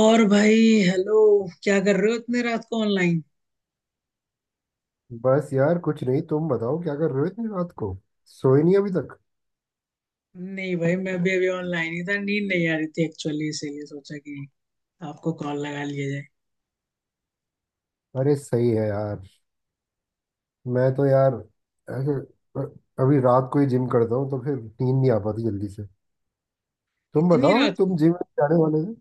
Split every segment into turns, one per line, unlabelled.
और भाई। हेलो। क्या कर रहे हो इतने रात को ऑनलाइन?
बस यार कुछ नहीं। तुम बताओ क्या कर रहे हो इतनी रात को? सोए नहीं अभी तक?
नहीं भाई, मैं भी अभी ऑनलाइन ही था। नींद नहीं आ रही थी एक्चुअली, इसीलिए सोचा कि आपको कॉल लगा लिया जाए।
अरे सही है यार। मैं तो यार ऐसे अभी रात को ही जिम करता हूँ, तो फिर नींद नहीं आ पाती जल्दी से। तुम
इतनी
बताओ,
रात
तुम
को।
जिम जाने वाले थे?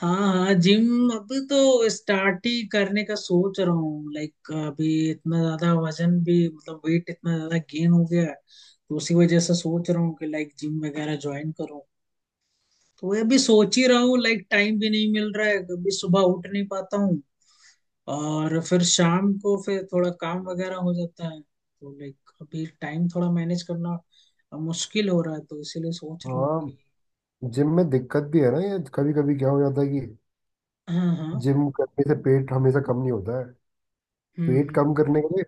हाँ हाँ, जिम अभी तो स्टार्ट ही करने का सोच रहा हूँ। लाइक अभी इतना ज्यादा वजन भी, मतलब वेट इतना ज्यादा गेन हो गया है, तो उसी वजह से सोच रहा हूँ कि लाइक जिम वगैरह ज्वाइन करूँ। तो वही अभी सोच ही रहा हूँ। लाइक टाइम भी नहीं मिल रहा है, कभी सुबह उठ नहीं पाता हूँ। और फिर शाम को फिर थोड़ा काम वगैरह हो जाता है, तो लाइक अभी टाइम थोड़ा मैनेज करना मुश्किल हो रहा है। तो इसीलिए सोच रहा हूँ कि।
हाँ, जिम में दिक्कत भी है ना, ये कभी कभी क्या हो जाता है कि
हाँ हाँ।
जिम करने से पेट हमेशा कम नहीं होता है। पेट कम करने
हम्म।
के लिए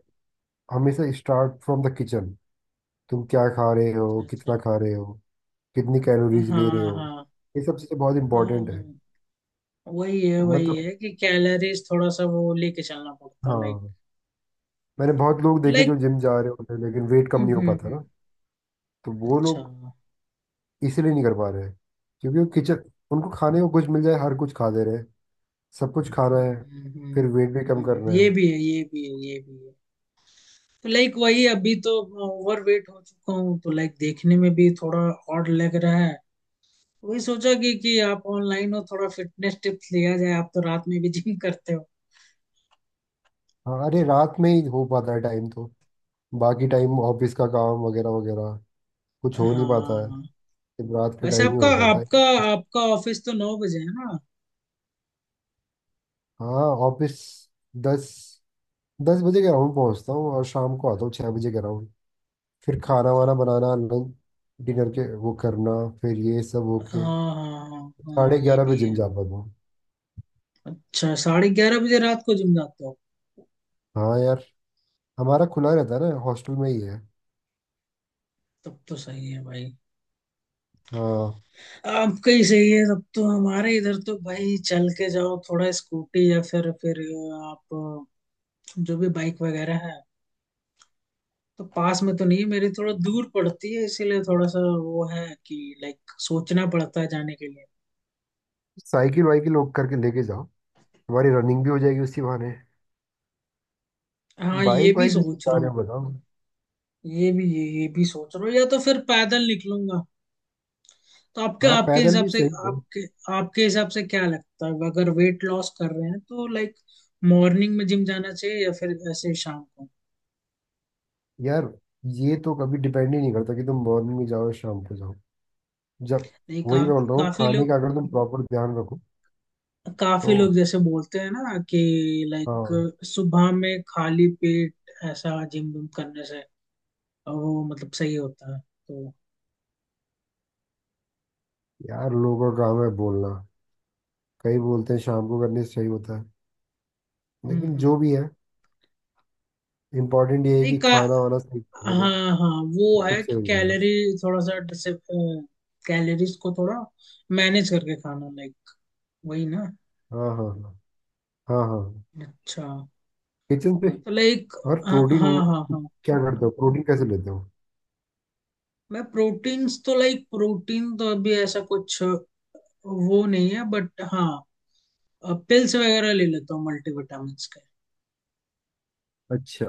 हमेशा स्टार्ट फ्रॉम द किचन। तुम क्या खा रहे हो,
अच्छा।
कितना खा रहे हो, कितनी कैलोरीज ले रहे
हाँ
हो,
हाँ
ये सब चीज़ें बहुत
हाँ
इंपॉर्टेंट है।
हाँ। वही
मतलब
है कि कैलोरीज थोड़ा सा वो लेके चलना पड़ता लाइक।
हाँ, मैंने बहुत लोग देखे जो
लाइक।
जिम जा रहे होते हैं लेकिन वेट कम नहीं हो पाता
हम्म।
ना। तो वो
अच्छा।
लोग इसीलिए नहीं कर पा रहे हैं, क्योंकि वो किचन, उनको खाने को कुछ मिल जाए हर कुछ खा ले रहे हैं। सब कुछ खाना है,
हम्म
फिर
हम्म
वेट भी कम
हम्म।
करना
ये
है।
भी है, ये भी है, ये भी है। लाइक वही अभी तो ओवरवेट हो चुका हूँ, तो लाइक देखने में भी थोड़ा ऑड लग रहा है। वही सोचा कि आप ऑनलाइन हो, थोड़ा फिटनेस टिप्स लिया जाए। आप तो रात में भी जिम करते हो।
हाँ, अरे रात में ही हो पाता है टाइम तो। बाकी टाइम ऑफिस का काम वगैरह वगैरह, कुछ हो नहीं पाता है।
हाँ।
सिर्फ रात के
वैसे
टाइम ही
आपका
हो पाता
आपका
है।
आपका ऑफिस तो 9 बजे है ना?
हाँ, ऑफिस दस दस बजे ग्राउंड पहुंचता हूँ, और शाम को आता हूँ 6 बजे ग्राउंड। फिर खाना
अच्छा।
वाना बनाना, लंच डिनर के वो करना, फिर ये सब
हाँ
होके
हाँ हाँ हाँ,
साढ़े
ये
ग्यारह बजे
भी
जिम
है।
जा पाता हूँ।
अच्छा, 11:30 बजे रात को जिम जाते हो?
हाँ यार, हमारा खुला रहता है ना, हॉस्टल में ही है।
तब तो सही है भाई।
हाँ।
आपका ही सही है तब तो। हमारे इधर तो भाई चल के जाओ थोड़ा, स्कूटी या फिर आप जो भी बाइक वगैरह है। तो पास में तो नहीं है मेरी, थोड़ा दूर पड़ती है। इसीलिए थोड़ा सा वो है कि लाइक सोचना पड़ता है जाने के लिए।
साइकिल वाइकिल लोग करके लेके जाओ, हमारी रनिंग भी हो जाएगी उसी बहाने।
हाँ, ये
बाइक
भी
वाइक लेके
सोच
जा
रहा
रहे
हूँ।
हो बताओ?
ये भी सोच रहा हूँ, या तो फिर पैदल निकलूंगा। तो आपके
हाँ,
आपके
पैदल
हिसाब
भी
से।
सही है।
आपके आपके हिसाब से क्या लगता है, अगर वेट लॉस कर रहे हैं तो लाइक मॉर्निंग में जिम जाना चाहिए या फिर ऐसे शाम को?
यार, ये तो कभी डिपेंड ही नहीं करता कि तुम मॉर्निंग में जाओ या शाम को जाओ। जब,
नहीं का,
वही मैं बोल रहा हूँ,
काफी
खाने
लोग
का अगर तुम प्रॉपर ध्यान रखो तो।
काफी लोग जैसे बोलते हैं ना कि
हाँ,
लाइक सुबह में खाली पेट ऐसा जिम विम करने से, और वो मतलब सही होता है तो।
यार लोगों का काम है बोलना। कई बोलते हैं शाम को करने से सही होता है, लेकिन
हम्म।
जो भी है, इम्पोर्टेंट ये है
नहीं
कि
का।
खाना वाना सही दे दो,
हाँ हाँ। वो
तो खुद
है
से
कि
हो जाएगा।
थोड़ा सा कैलोरीज को थोड़ा मैनेज करके खाना लाइक। वही ना?
हाँ हाँ हाँ, हाँ हाँ।
अच्छा।
किचन से।
तो लाइक।
और
हाँ
प्रोटीन
हाँ
वो,
हाँ हाँ।
क्या करते हो, प्रोटीन कैसे लेते हो?
मैं प्रोटीन्स तो, लाइक प्रोटीन तो अभी ऐसा कुछ वो नहीं है, बट हाँ पिल्स वगैरह ले लेता हूँ मल्टीविटामिन्स के।
अच्छा,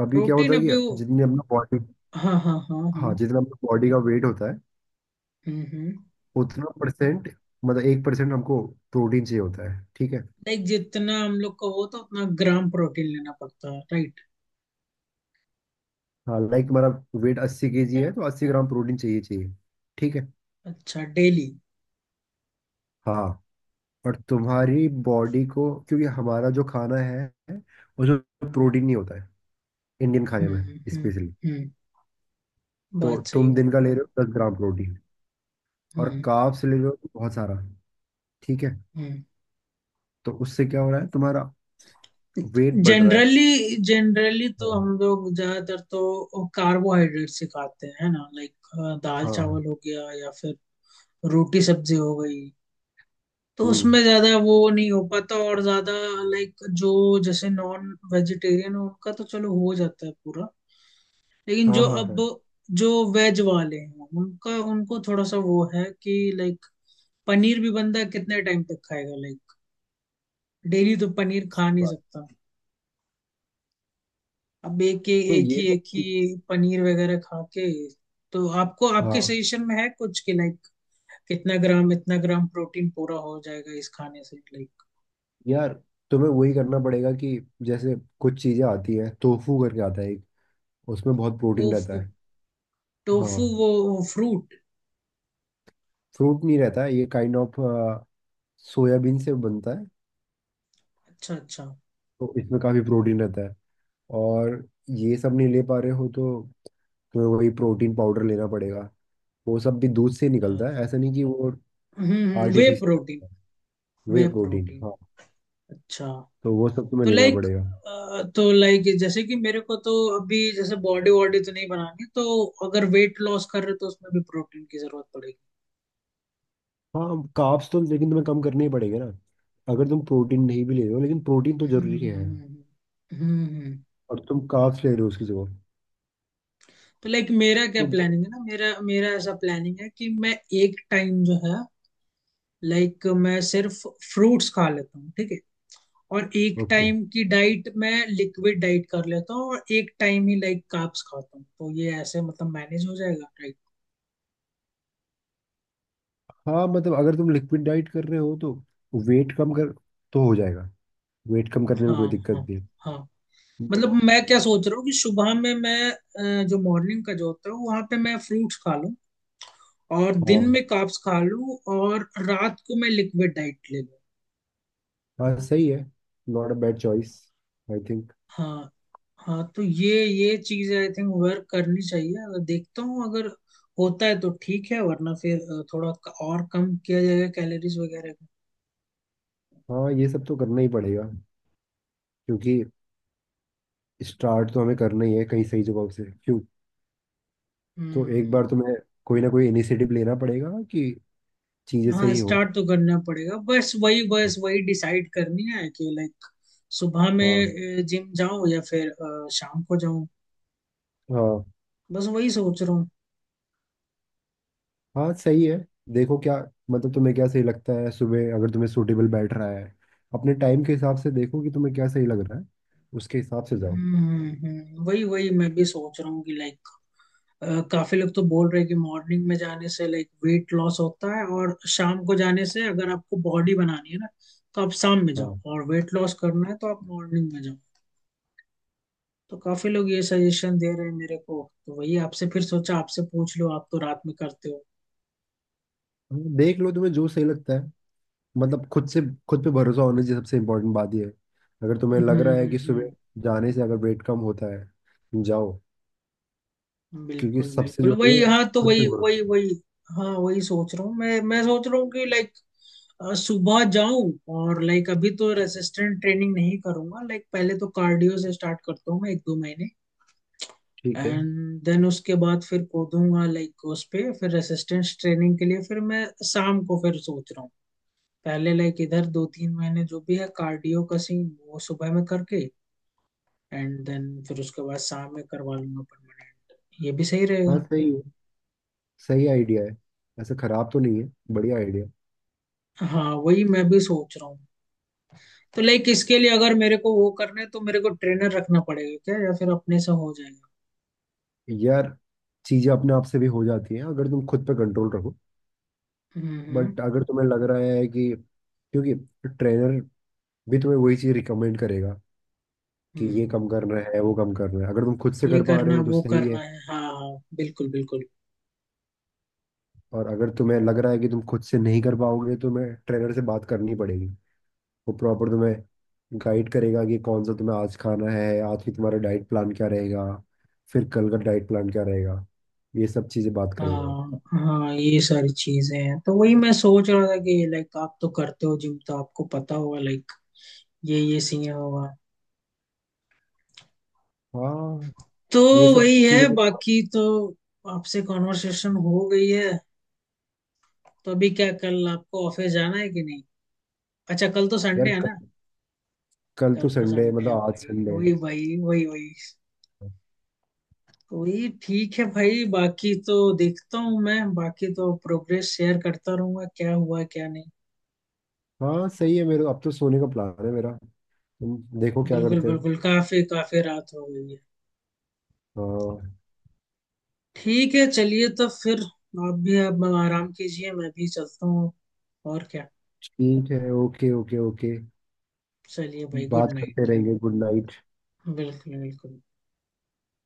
अभी क्या
प्रोटीन
होता है
अभी वो।
कि जितनी अपना बॉडी,
हाँ हाँ हाँ हाँ।
हाँ, जितना अपना बॉडी का वेट होता है,
हम्म।
उतना परसेंट, मतलब 1% हमको प्रोटीन चाहिए होता है, ठीक है?
लाइक जितना हम लोग को हो तो उतना ग्राम प्रोटीन लेना पड़ता है, राइट?
हाँ, लाइक हमारा वेट 80 केजी है तो 80 ग्राम प्रोटीन चाहिए चाहिए ठीक है?
अच्छा, डेली?
हाँ, और तुम्हारी बॉडी को, क्योंकि हमारा जो खाना है उसमें
हम्म
प्रोटीन नहीं होता है, इंडियन खाने
हम्म
में
हम्म
स्पेशली।
हम्म।
तो
बात सही
तुम दिन
बोल
का
रहा
ले
हूँ।
रहे हो 10 ग्राम प्रोटीन और
हम्म
कार्ब्स ले रहे हो बहुत सारा, ठीक है?
हम्म।
तो उससे क्या हो रहा है, तुम्हारा वेट बढ़ रहा है।
जनरली जनरली तो
हाँ
हम लोग ज्यादातर तो कार्बोहाइड्रेट से खाते हैं है ना, लाइक दाल
हाँ हाँ,
चावल हो गया या फिर रोटी सब्जी हो गई। तो
हम्म,
उसमें ज्यादा वो नहीं हो पाता, और ज्यादा लाइक जो जैसे नॉन वेजिटेरियन है उनका तो चलो हो जाता है पूरा। लेकिन
हाँ
जो
हाँ हाँ।
अब जो वेज वाले हैं उनका उनको थोड़ा सा वो है कि लाइक पनीर भी बंदा कितने टाइम तक खाएगा, लाइक डेली तो पनीर खा
सही
नहीं
बात।
सकता। अब एक एक
तो ये सब
एक ही
चीज़-
पनीर वगैरह खा के। तो आपको आपके
हाँ
सजेशन में है कुछ कि लाइक कितना ग्राम इतना ग्राम प्रोटीन पूरा हो जाएगा इस खाने से, लाइक?
यार, तुम्हें वही करना पड़ेगा कि जैसे कुछ चीज़ें आती हैं, टोफू करके आता है एक, उसमें बहुत प्रोटीन
टोफू।
रहता है।
टोफू
हाँ,
वो। फ्रूट?
फ्रूट नहीं रहता है ये, काइंड ऑफ सोयाबीन से बनता है,
अच्छा अच्छा।
तो इसमें काफ़ी प्रोटीन रहता है। और ये सब नहीं ले पा रहे हो तो तुम्हें वही प्रोटीन पाउडर लेना पड़ेगा। वो सब भी दूध से ही निकलता है,
अच्छा।
ऐसा नहीं कि वो
वे
आर्टिफिशियल
प्रोटीन।
है,
वे
वे प्रोटीन
प्रोटीन।
हाँ।
अच्छा।
तो वो सब तुम्हें
तो
लेना
लाइक
पड़ेगा।
तो लाइक जैसे कि मेरे को तो अभी जैसे बॉडी वॉडी तो नहीं बनानी, तो अगर वेट लॉस कर रहे हो तो उसमें भी प्रोटीन की जरूरत पड़ेगी।
हाँ, कार्ब्स तो लेकिन तुम्हें कम करने ही पड़ेगा ना। अगर तुम प्रोटीन नहीं भी ले रहे हो, लेकिन प्रोटीन तो जरूरी है,
हम्म हम्म।
और तुम कार्ब्स ले रहे हो उसकी जगह,
तो लाइक मेरा क्या
तो।
प्लानिंग है ना, मेरा मेरा ऐसा प्लानिंग है कि मैं एक टाइम जो है, लाइक मैं सिर्फ फ्रूट्स खा लेता हूँ, ठीक है। और एक
ओके,
टाइम की डाइट मैं लिक्विड डाइट कर लेता हूँ, और एक टाइम ही लाइक कार्ब्स खाता हूँ। तो ये ऐसे मतलब मैनेज हो जाएगा, राइट?
हाँ मतलब अगर तुम लिक्विड डाइट कर रहे हो तो वेट कम कर तो हो जाएगा। वेट कम करने में
हाँ
कोई दिक्कत
हाँ
नहीं
हाँ।
है बट।
मतलब मैं क्या सोच रहा हूँ कि सुबह में मैं जो मॉर्निंग का जो होता है वहां पे मैं फ्रूट्स खा लूँ, और दिन
हाँ,
में कार्ब्स खा लूँ, और रात को मैं लिक्विड डाइट ले लूँ।
हाँ सही है, not a bad choice I think.
हाँ हाँ। तो ये चीज आई थिंक वर्क करनी चाहिए। अगर देखता हूँ अगर होता है तो ठीक है, वरना फिर थोड़ा और कम किया जाएगा कैलोरीज वगैरह को।
हाँ, ये सब तो करना ही पड़ेगा, क्योंकि स्टार्ट तो हमें करना ही है कहीं सही जगह से क्यों। तो एक
हम्म।
बार तो मैं, कोई ना कोई इनिशिएटिव लेना पड़ेगा कि चीजें
हाँ,
सही हो।
स्टार्ट तो करना पड़ेगा। बस वही डिसाइड करनी है कि लाइक सुबह
हाँ
में जिम जाऊं या फिर शाम को।
हाँ
बस वही सोच रहा हूँ।
हाँ, सही है। देखो क्या, मतलब तुम्हें क्या सही लगता है, सुबह अगर तुम्हें सूटेबल बैठ रहा है, अपने टाइम के हिसाब से देखो कि तुम्हें क्या सही लग रहा है, उसके हिसाब से जाओ।
हम्म वही वही मैं भी सोच रहा हूँ कि लाइक काफी लोग तो बोल रहे हैं कि मॉर्निंग में जाने से लाइक वेट लॉस होता है, और शाम को जाने से, अगर आपको बॉडी बनानी है ना तो आप शाम में जाओ,
हाँ,
और वेट लॉस करना है तो आप मॉर्निंग में जाओ। तो काफी लोग ये सजेशन दे रहे हैं मेरे को, तो वही आपसे फिर सोचा आपसे पूछ लो, आप तो रात में करते हो।
हाँ, देख लो तुम्हें जो सही लगता है, मतलब खुद से। खुद पे भरोसा होने की सबसे इम्पोर्टेंट बात यह है, अगर तुम्हें
हम्म
लग रहा है
हम्म,
कि सुबह
हम्म।
जाने से अगर वेट कम होता है जाओ। क्योंकि
बिल्कुल
सबसे
बिल्कुल,
जो ये
वही
है,
हाँ, तो
खुद पे
वही वही
भरोसा।
वही। हाँ, वही सोच रहा हूँ मैं सोच रहा हूँ कि लाइक सुबह जाऊं, और लाइक अभी तो रेसिस्टेंट ट्रेनिंग नहीं करूंगा, लाइक पहले तो कार्डियो से स्टार्ट करता हूँ मैं एक दो महीने।
ठीक है।
एंड देन उसके बाद फिर कूदूंगा लाइक उस पे, फिर रेसिस्टेंस ट्रेनिंग के लिए फिर मैं शाम को फिर सोच रहा हूँ। पहले लाइक इधर दो तीन महीने जो भी है कार्डियो का सीन वो सुबह में करके, एंड देन फिर उसके बाद शाम में करवा लूंगा परमानेंट। ये भी सही
हाँ
रहेगा।
सही है, सही आइडिया है, ऐसा खराब तो नहीं है, बढ़िया आइडिया।
हाँ, वही मैं भी सोच रहा हूँ। तो लाइक इसके लिए अगर मेरे को वो करना है, तो मेरे को ट्रेनर रखना पड़ेगा क्या, या फिर अपने से हो जाएगा?
यार, चीजें अपने आप से भी हो जाती हैं अगर तुम खुद पे कंट्रोल रखो।
हम्म हम्म
बट अगर तुम्हें लग रहा है कि, क्योंकि ट्रेनर भी तुम्हें वही चीज रिकमेंड करेगा कि ये
हम्म।
कम करना है वो कम करना है, अगर तुम खुद से
ये
कर पा रहे
करना
हो तो
वो
सही है।
करना है, हाँ हाँ, बिल्कुल बिल्कुल।
और अगर तुम्हें लग रहा है कि तुम खुद से नहीं कर पाओगे, तो तुम्हें ट्रेनर से बात करनी पड़ेगी। वो प्रॉपर तुम्हें गाइड करेगा कि कौन सा तुम्हें आज खाना है, आज की तुम्हारा डाइट प्लान क्या रहेगा, फिर कल का डाइट प्लान क्या रहेगा। ये सब चीज़ें बात करेगा वो।
हाँ हाँ, ये सारी चीजें हैं। तो वही मैं सोच रहा था कि लाइक आप तो करते हो जिम, तो आपको पता होगा लाइक ये सीन होगा।
हाँ,
तो
ये सब
वही है
चीज़ें तो।
बाकी तो, आपसे कॉन्वर्सेशन हो गई है। तो अभी क्या कल आपको ऑफिस जाना है कि नहीं? अच्छा, कल तो संडे
यार
है ना?
कल तो
कल तो
संडे है,
संडे
मतलब
है
आज
भाई,
संडे
वही
है।
भाई वही वही। वही ठीक है भाई। बाकी तो देखता हूँ मैं, बाकी तो प्रोग्रेस शेयर करता रहूंगा क्या हुआ क्या नहीं।
हाँ सही है, मेरे अब तो सोने का प्लान है मेरा, तुम देखो क्या
बिल्कुल
करते हो।
बिल्कुल, काफी काफी रात हो गई है।
हाँ,
ठीक है, चलिए तो फिर आप भी अब आराम कीजिए, मैं भी चलता हूँ। और क्या।
ठीक है, ओके ओके ओके।
चलिए भाई, गुड
बात करते
नाइट।
रहेंगे, गुड नाइट।
बिल्कुल बिल्कुल।